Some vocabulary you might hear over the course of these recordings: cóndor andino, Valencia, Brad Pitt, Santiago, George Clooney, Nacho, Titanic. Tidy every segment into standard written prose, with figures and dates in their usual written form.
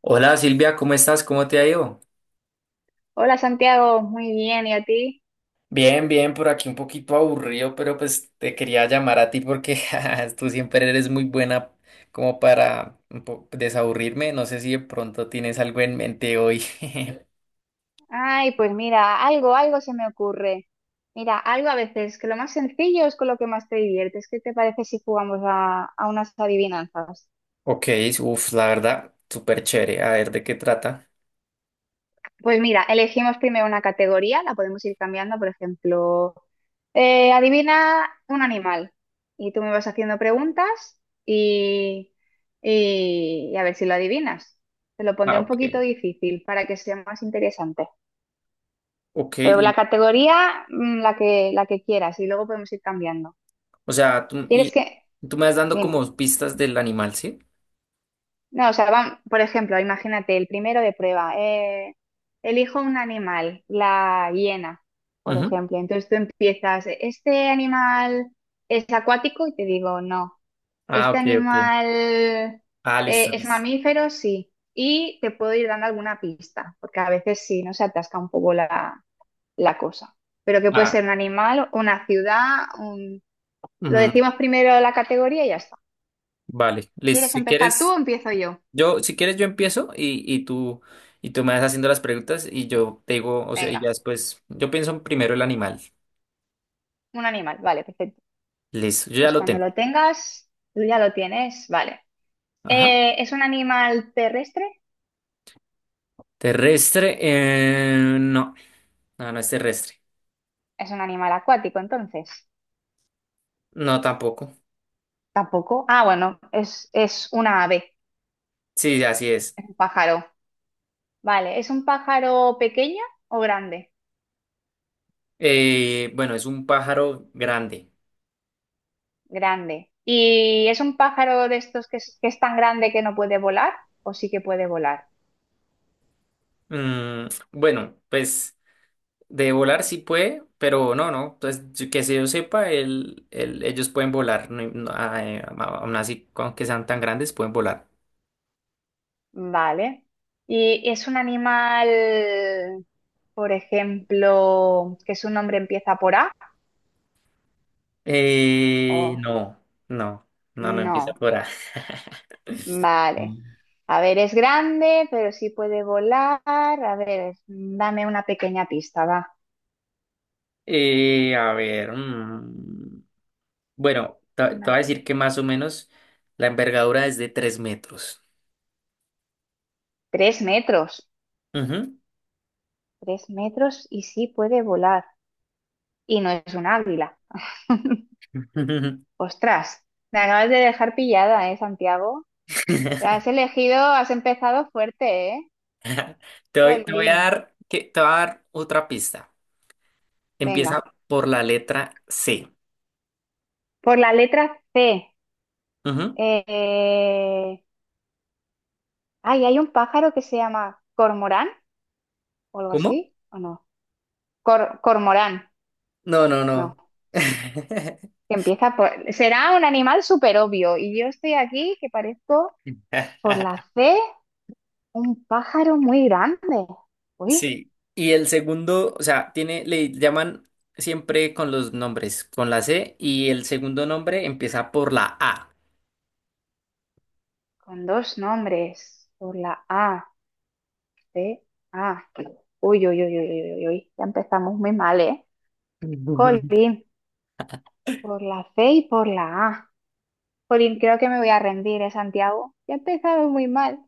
Hola Silvia, ¿cómo estás? ¿Cómo te ha ido? Hola Santiago, muy bien, ¿y a ti? Bien, por aquí un poquito aburrido, pero pues te quería llamar a ti porque ja, tú siempre eres muy buena como para desaburrirme. No sé si de pronto tienes algo en mente hoy. Ay, pues mira, algo se me ocurre. Mira, algo a veces, que lo más sencillo es con lo que más te diviertes. ¿Qué te parece si jugamos a unas adivinanzas? Ok, uff, la verdad, súper chévere. A ver, ¿de qué trata? Pues mira, elegimos primero una categoría, la podemos ir cambiando, por ejemplo, adivina un animal. Y tú me vas haciendo preguntas y, y a ver si lo adivinas. Te lo pondré Ah, un poquito ok. difícil para que sea más interesante. Ok, Pero la li- categoría, la que quieras, y luego podemos ir cambiando. o sea, tú, ¿Quieres y, que...? tú me vas dando Dime. como pistas del animal, ¿sí? No, o sea, van, por ejemplo, imagínate, el primero de prueba. Elijo un animal, la hiena, por Ujú. ejemplo. Entonces tú empiezas, ¿este animal es acuático? Y te digo, no. Ah, ¿Este ok. animal Ah, listo, es listo. mamífero? Sí. Y te puedo ir dando alguna pista, porque a veces sí, ¿no? Se atasca un poco la cosa pero que puede Ah, ser un animal, una ciudad, un, lo ujú. decimos primero la categoría y ya está. Vale, listo. ¿Quieres Si empezar tú quieres, o empiezo yo? yo, si quieres, yo empiezo y tú me vas haciendo las preguntas y yo te digo, o sea, y ya Venga, después, yo pienso primero el animal. un animal. Vale, perfecto. Listo, yo ya Pues lo cuando tengo. lo tengas, tú ya lo tienes. Vale. Ajá. ¿Es un animal terrestre? Terrestre, no es terrestre. Es un animal acuático, entonces. No, tampoco. Tampoco. Ah, bueno, es una ave, Sí, así es. es un pájaro. Vale, ¿es un pájaro pequeño o grande? Bueno, es un pájaro grande. Grande. ¿Y es un pájaro de estos que es tan grande que no puede volar o sí que puede volar? Mm, bueno, pues de volar sí puede, pero no. Entonces, que se yo sepa, ellos pueden volar. No- no, ah, aún así, aunque sean tan grandes, pueden volar. Vale. ¿Y es un animal, por ejemplo, que su nombre empieza por A? Eh, ¿O no, no, no empieza no? por A. Vale. A ver, es grande, pero sí puede volar. A ver, dame una pequeña pista, va. A ver, bueno, te voy a Una. decir que más o menos la envergadura es de 3 metros. Tres metros. Ujú. Tres metros y sí puede volar. Y no es un águila. Ostras, me acabas de dejar pillada, ¿eh, Santiago? Te has elegido, has empezado fuerte, ¿eh? Jolín. Te voy a dar otra pista. Empieza Venga. por la letra C. Por la letra C. Ujú. Eh, ay, hay un pájaro que se llama cormorán o algo ¿Cómo? así, ¿o no? Cormorán, No. no. Que empieza por. Será un animal súper obvio. Y yo estoy aquí que parezco por la C un pájaro muy grande. Uy, Sí, y el segundo, o sea, tiene, le llaman siempre con los nombres, con la C, y el segundo nombre empieza por la A. con dos nombres. Por la A, C, A. Uy, uy, uy, uy, uy, uy, uy. Ya empezamos muy mal, ¿eh? Colín, por la C y por la A. Jolín, creo que me voy a rendir, ¿eh, Santiago? Ya he empezado muy mal.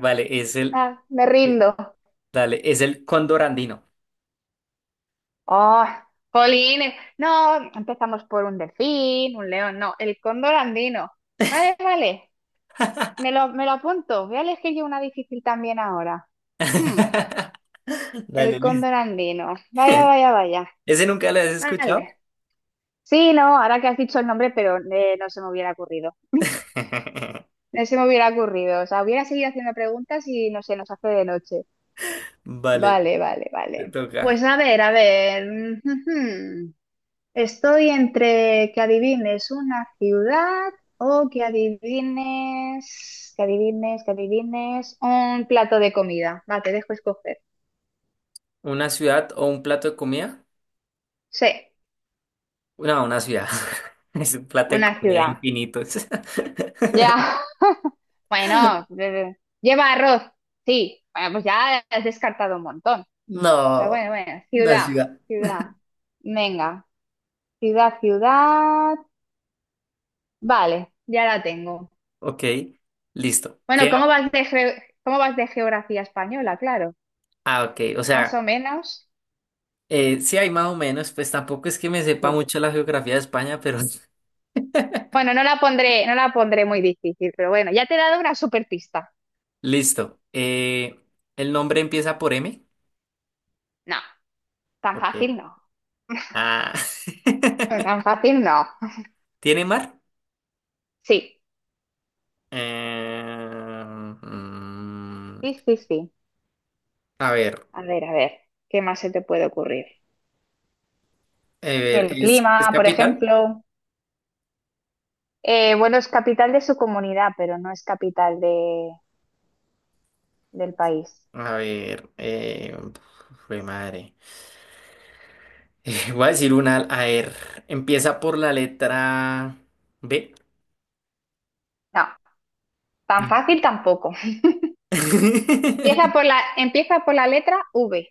Vale, Ah, me el- rindo. dale, es el cóndor andino. Oh, jolín, no, empezamos por un delfín, un león, no, el cóndor andino. Vale, vale, me lo apunto. Voy a elegir yo una difícil también ahora. Hmm, el Dale, listo. cóndor andino. Vaya, vaya, vaya. ¿Ese nunca lo has escuchado? Vale. Sí, no, ahora que has dicho el nombre, pero no se me hubiera ocurrido. No se me hubiera ocurrido. O sea, hubiera seguido haciendo preguntas y no sé, nos hace de noche. Vale, Vale, vale, te vale. toca. Pues a ver, a ver. Estoy entre que adivines una ciudad o que adivines, que adivines un plato de comida. Va, te dejo escoger. ¿Una ciudad o un plato de comida? Sí, No, una ciudad. Es un plato de una comida ciudad. infinitos. Ya. Bueno, lleva arroz. Sí. Bueno, pues ya has descartado un montón. Pero No, bueno, bueno, una ciudad. ciudad. Venga, ciudad. Vale, ya la tengo. Ok, listo. Bueno, ¿cómo vas de geografía española? Claro, Ah, ok. Más o menos. Sí hay más o menos, pues tampoco es que me sepa Sí. mucho la geografía de España, pero Bueno, no la pondré muy difícil, pero bueno, ya te he dado una super pista. listo. ¿El nombre empieza por M? No, tan Ok. fácil no. Ah. Tan fácil no. ¿Tiene mar? Sí, Eh, mm, sí, sí, sí. a ver, A ver, ¿qué más se te puede ocurrir? a ver, El ¿es clima, por capital? ejemplo. Bueno, es capital de su comunidad, pero no es capital del país. A ver, jue madre. Voy a decir una, a ver, empieza por la letra B. No, tan Mm. fácil tampoco. Empieza por la letra V.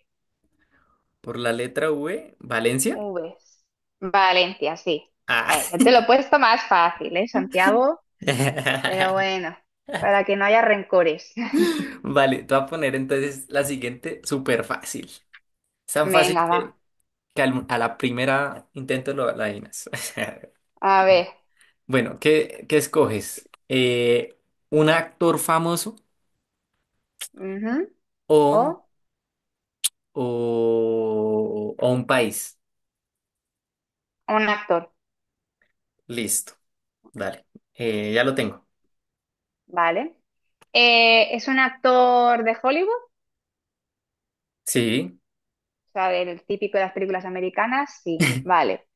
Por la letra V, Valencia. Vs. Valencia, sí. Ah. Ya te lo he puesto más fácil, ¿eh, Santiago? Pero bueno, para que no haya rencores. Vale, te voy a poner entonces la siguiente súper fácil. Es tan fácil Venga, va. que, a la primera intento lo la adivinas. A ver. Bueno, ¿qué escoges? ¿Un actor famoso Ujú. O o, o un país? un actor, Listo, dale. Ya lo tengo. ¿vale? ¿Es un actor de Hollywood? Sí. O sea, del típico de las películas americanas, sí. Vale.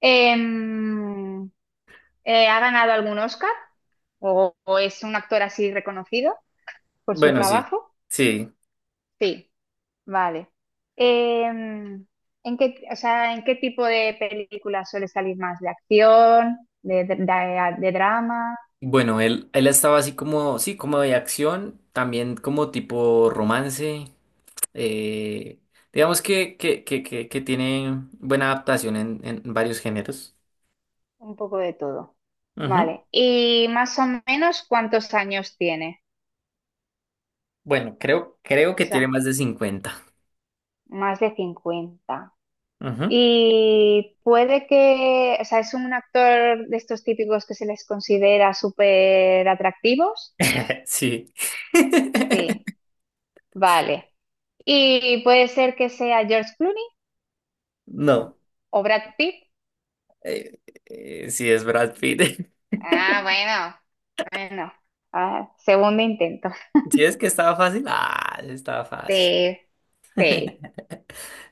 Em, ¿Ha ganado algún Oscar? O es un actor así reconocido por su Bueno, trabajo? sí. Sí. Vale. Em, ¿En qué, o sea, ¿en qué tipo de películas suele salir más? ¿De acción? ¿De- de drama? Bueno, él estaba así como, sí, como de acción, también como tipo romance. Eh, digamos que tiene buena adaptación en varios géneros. Un poco de todo. Ujú. Vale. ¿Y más o menos cuántos años tiene? Bueno, creo O que tiene sea, más de 50. más de 50 Ujú. y puede que, o sea, es un actor de estos típicos que se les considera súper atractivos. Sí. Sí, vale. ¿Y puede ser que sea George Clooney? No. No. ¿O Brad Pitt? Eh, sí, es Brad Pitt. Ah, bueno, bueno. Ah, segundo intento. ¿Si es que estaba fácil? Ah, sí estaba fácil. Sí, sí.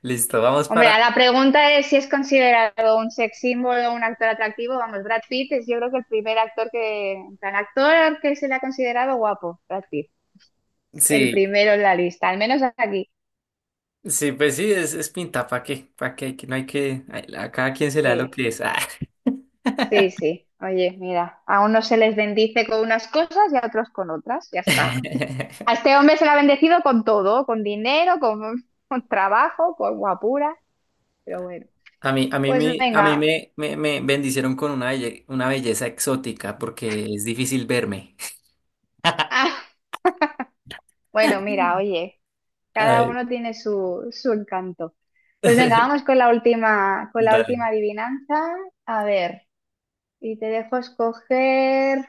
Listo, vamos Hombre, para. a la pregunta es si es considerado un sex symbol o un actor atractivo, vamos, Brad Pitt es yo creo que el primer actor que, en plan, actor que se le ha considerado guapo, Brad Pitt. El Sí, primero en la lista, al menos aquí. sí, pues sí, es pinta, ¿para qué? ¿Para qué? Que no hay que. A cada quien se le da lo Sí, que es. Ah. sí, sí. Oye, mira, a unos se les bendice con unas cosas y a otros con otras, ya está. A este hombre se le ha bendecido con todo, con dinero, con, con trabajo, con guapura, pero bueno. Pues a mí venga. Me bendicieron con una belleza exótica porque es difícil verme. Ah, bueno, mira, oye, cada Ay. uno tiene su encanto. Pues venga, vamos con la última Dale. adivinanza. A ver, y te dejo escoger,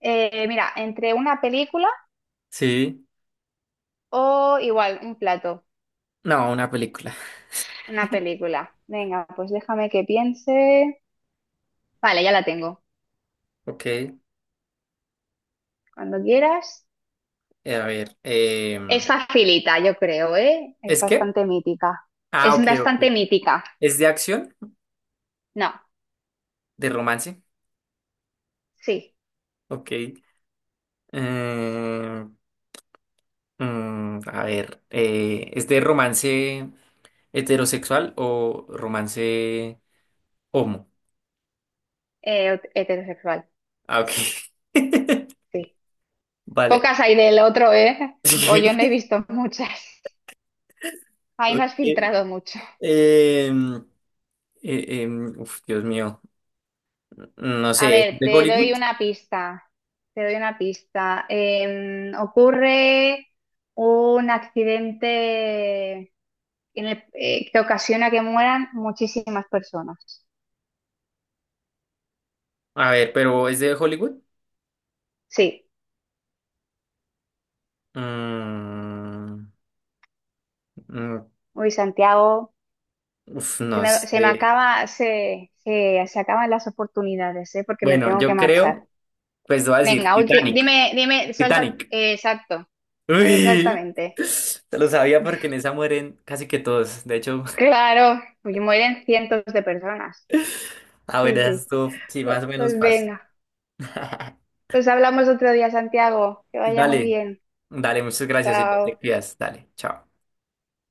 mira, entre una película Sí. o igual, un plato, No, una película. una película. Venga, pues déjame que piense. Vale, ya la tengo. Ok. Cuando quieras. A ver. Es Em, facilita, yo creo, ¿eh? Es ¿es que? bastante mítica. Ah, Es ok. bastante mítica. ¿Es de acción? No, ¿De romance? sí. Ok. A ver. ¿Es de romance heterosexual o romance homo? Heterosexual, Ah, ok. sí. Vale. Pocas hay del otro, ¿eh? O yo Sí, no he visto muchas. Ahí no has ok. filtrado mucho. Em, Dios mío. No A sé, ¿es ver, de te Hollywood? doy una pista. Te doy una pista. Ocurre un accidente que ocasiona que mueran muchísimas personas. A ver, pero ¿es de Hollywood? Sí. Mm, mm, Uy, Santiago, uf, no se me sé. acaba, se acaban las oportunidades, ¿eh? Porque me Bueno, tengo que yo marchar. Pues voy a decir Venga, Titanic. dime, suelta. Titanic. Exacto, Uy, exactamente. te lo sabía porque en esa mueren casi que todos. De hecho, Claro, pues mueren cientos de personas. a ver, Sí, sí. esto sí, más o menos Pues, fácil. venga, pues hablamos otro día, Santiago. Que vaya muy Dale, bien. dale, muchas gracias y Chao. te cuidas. Dale, chao.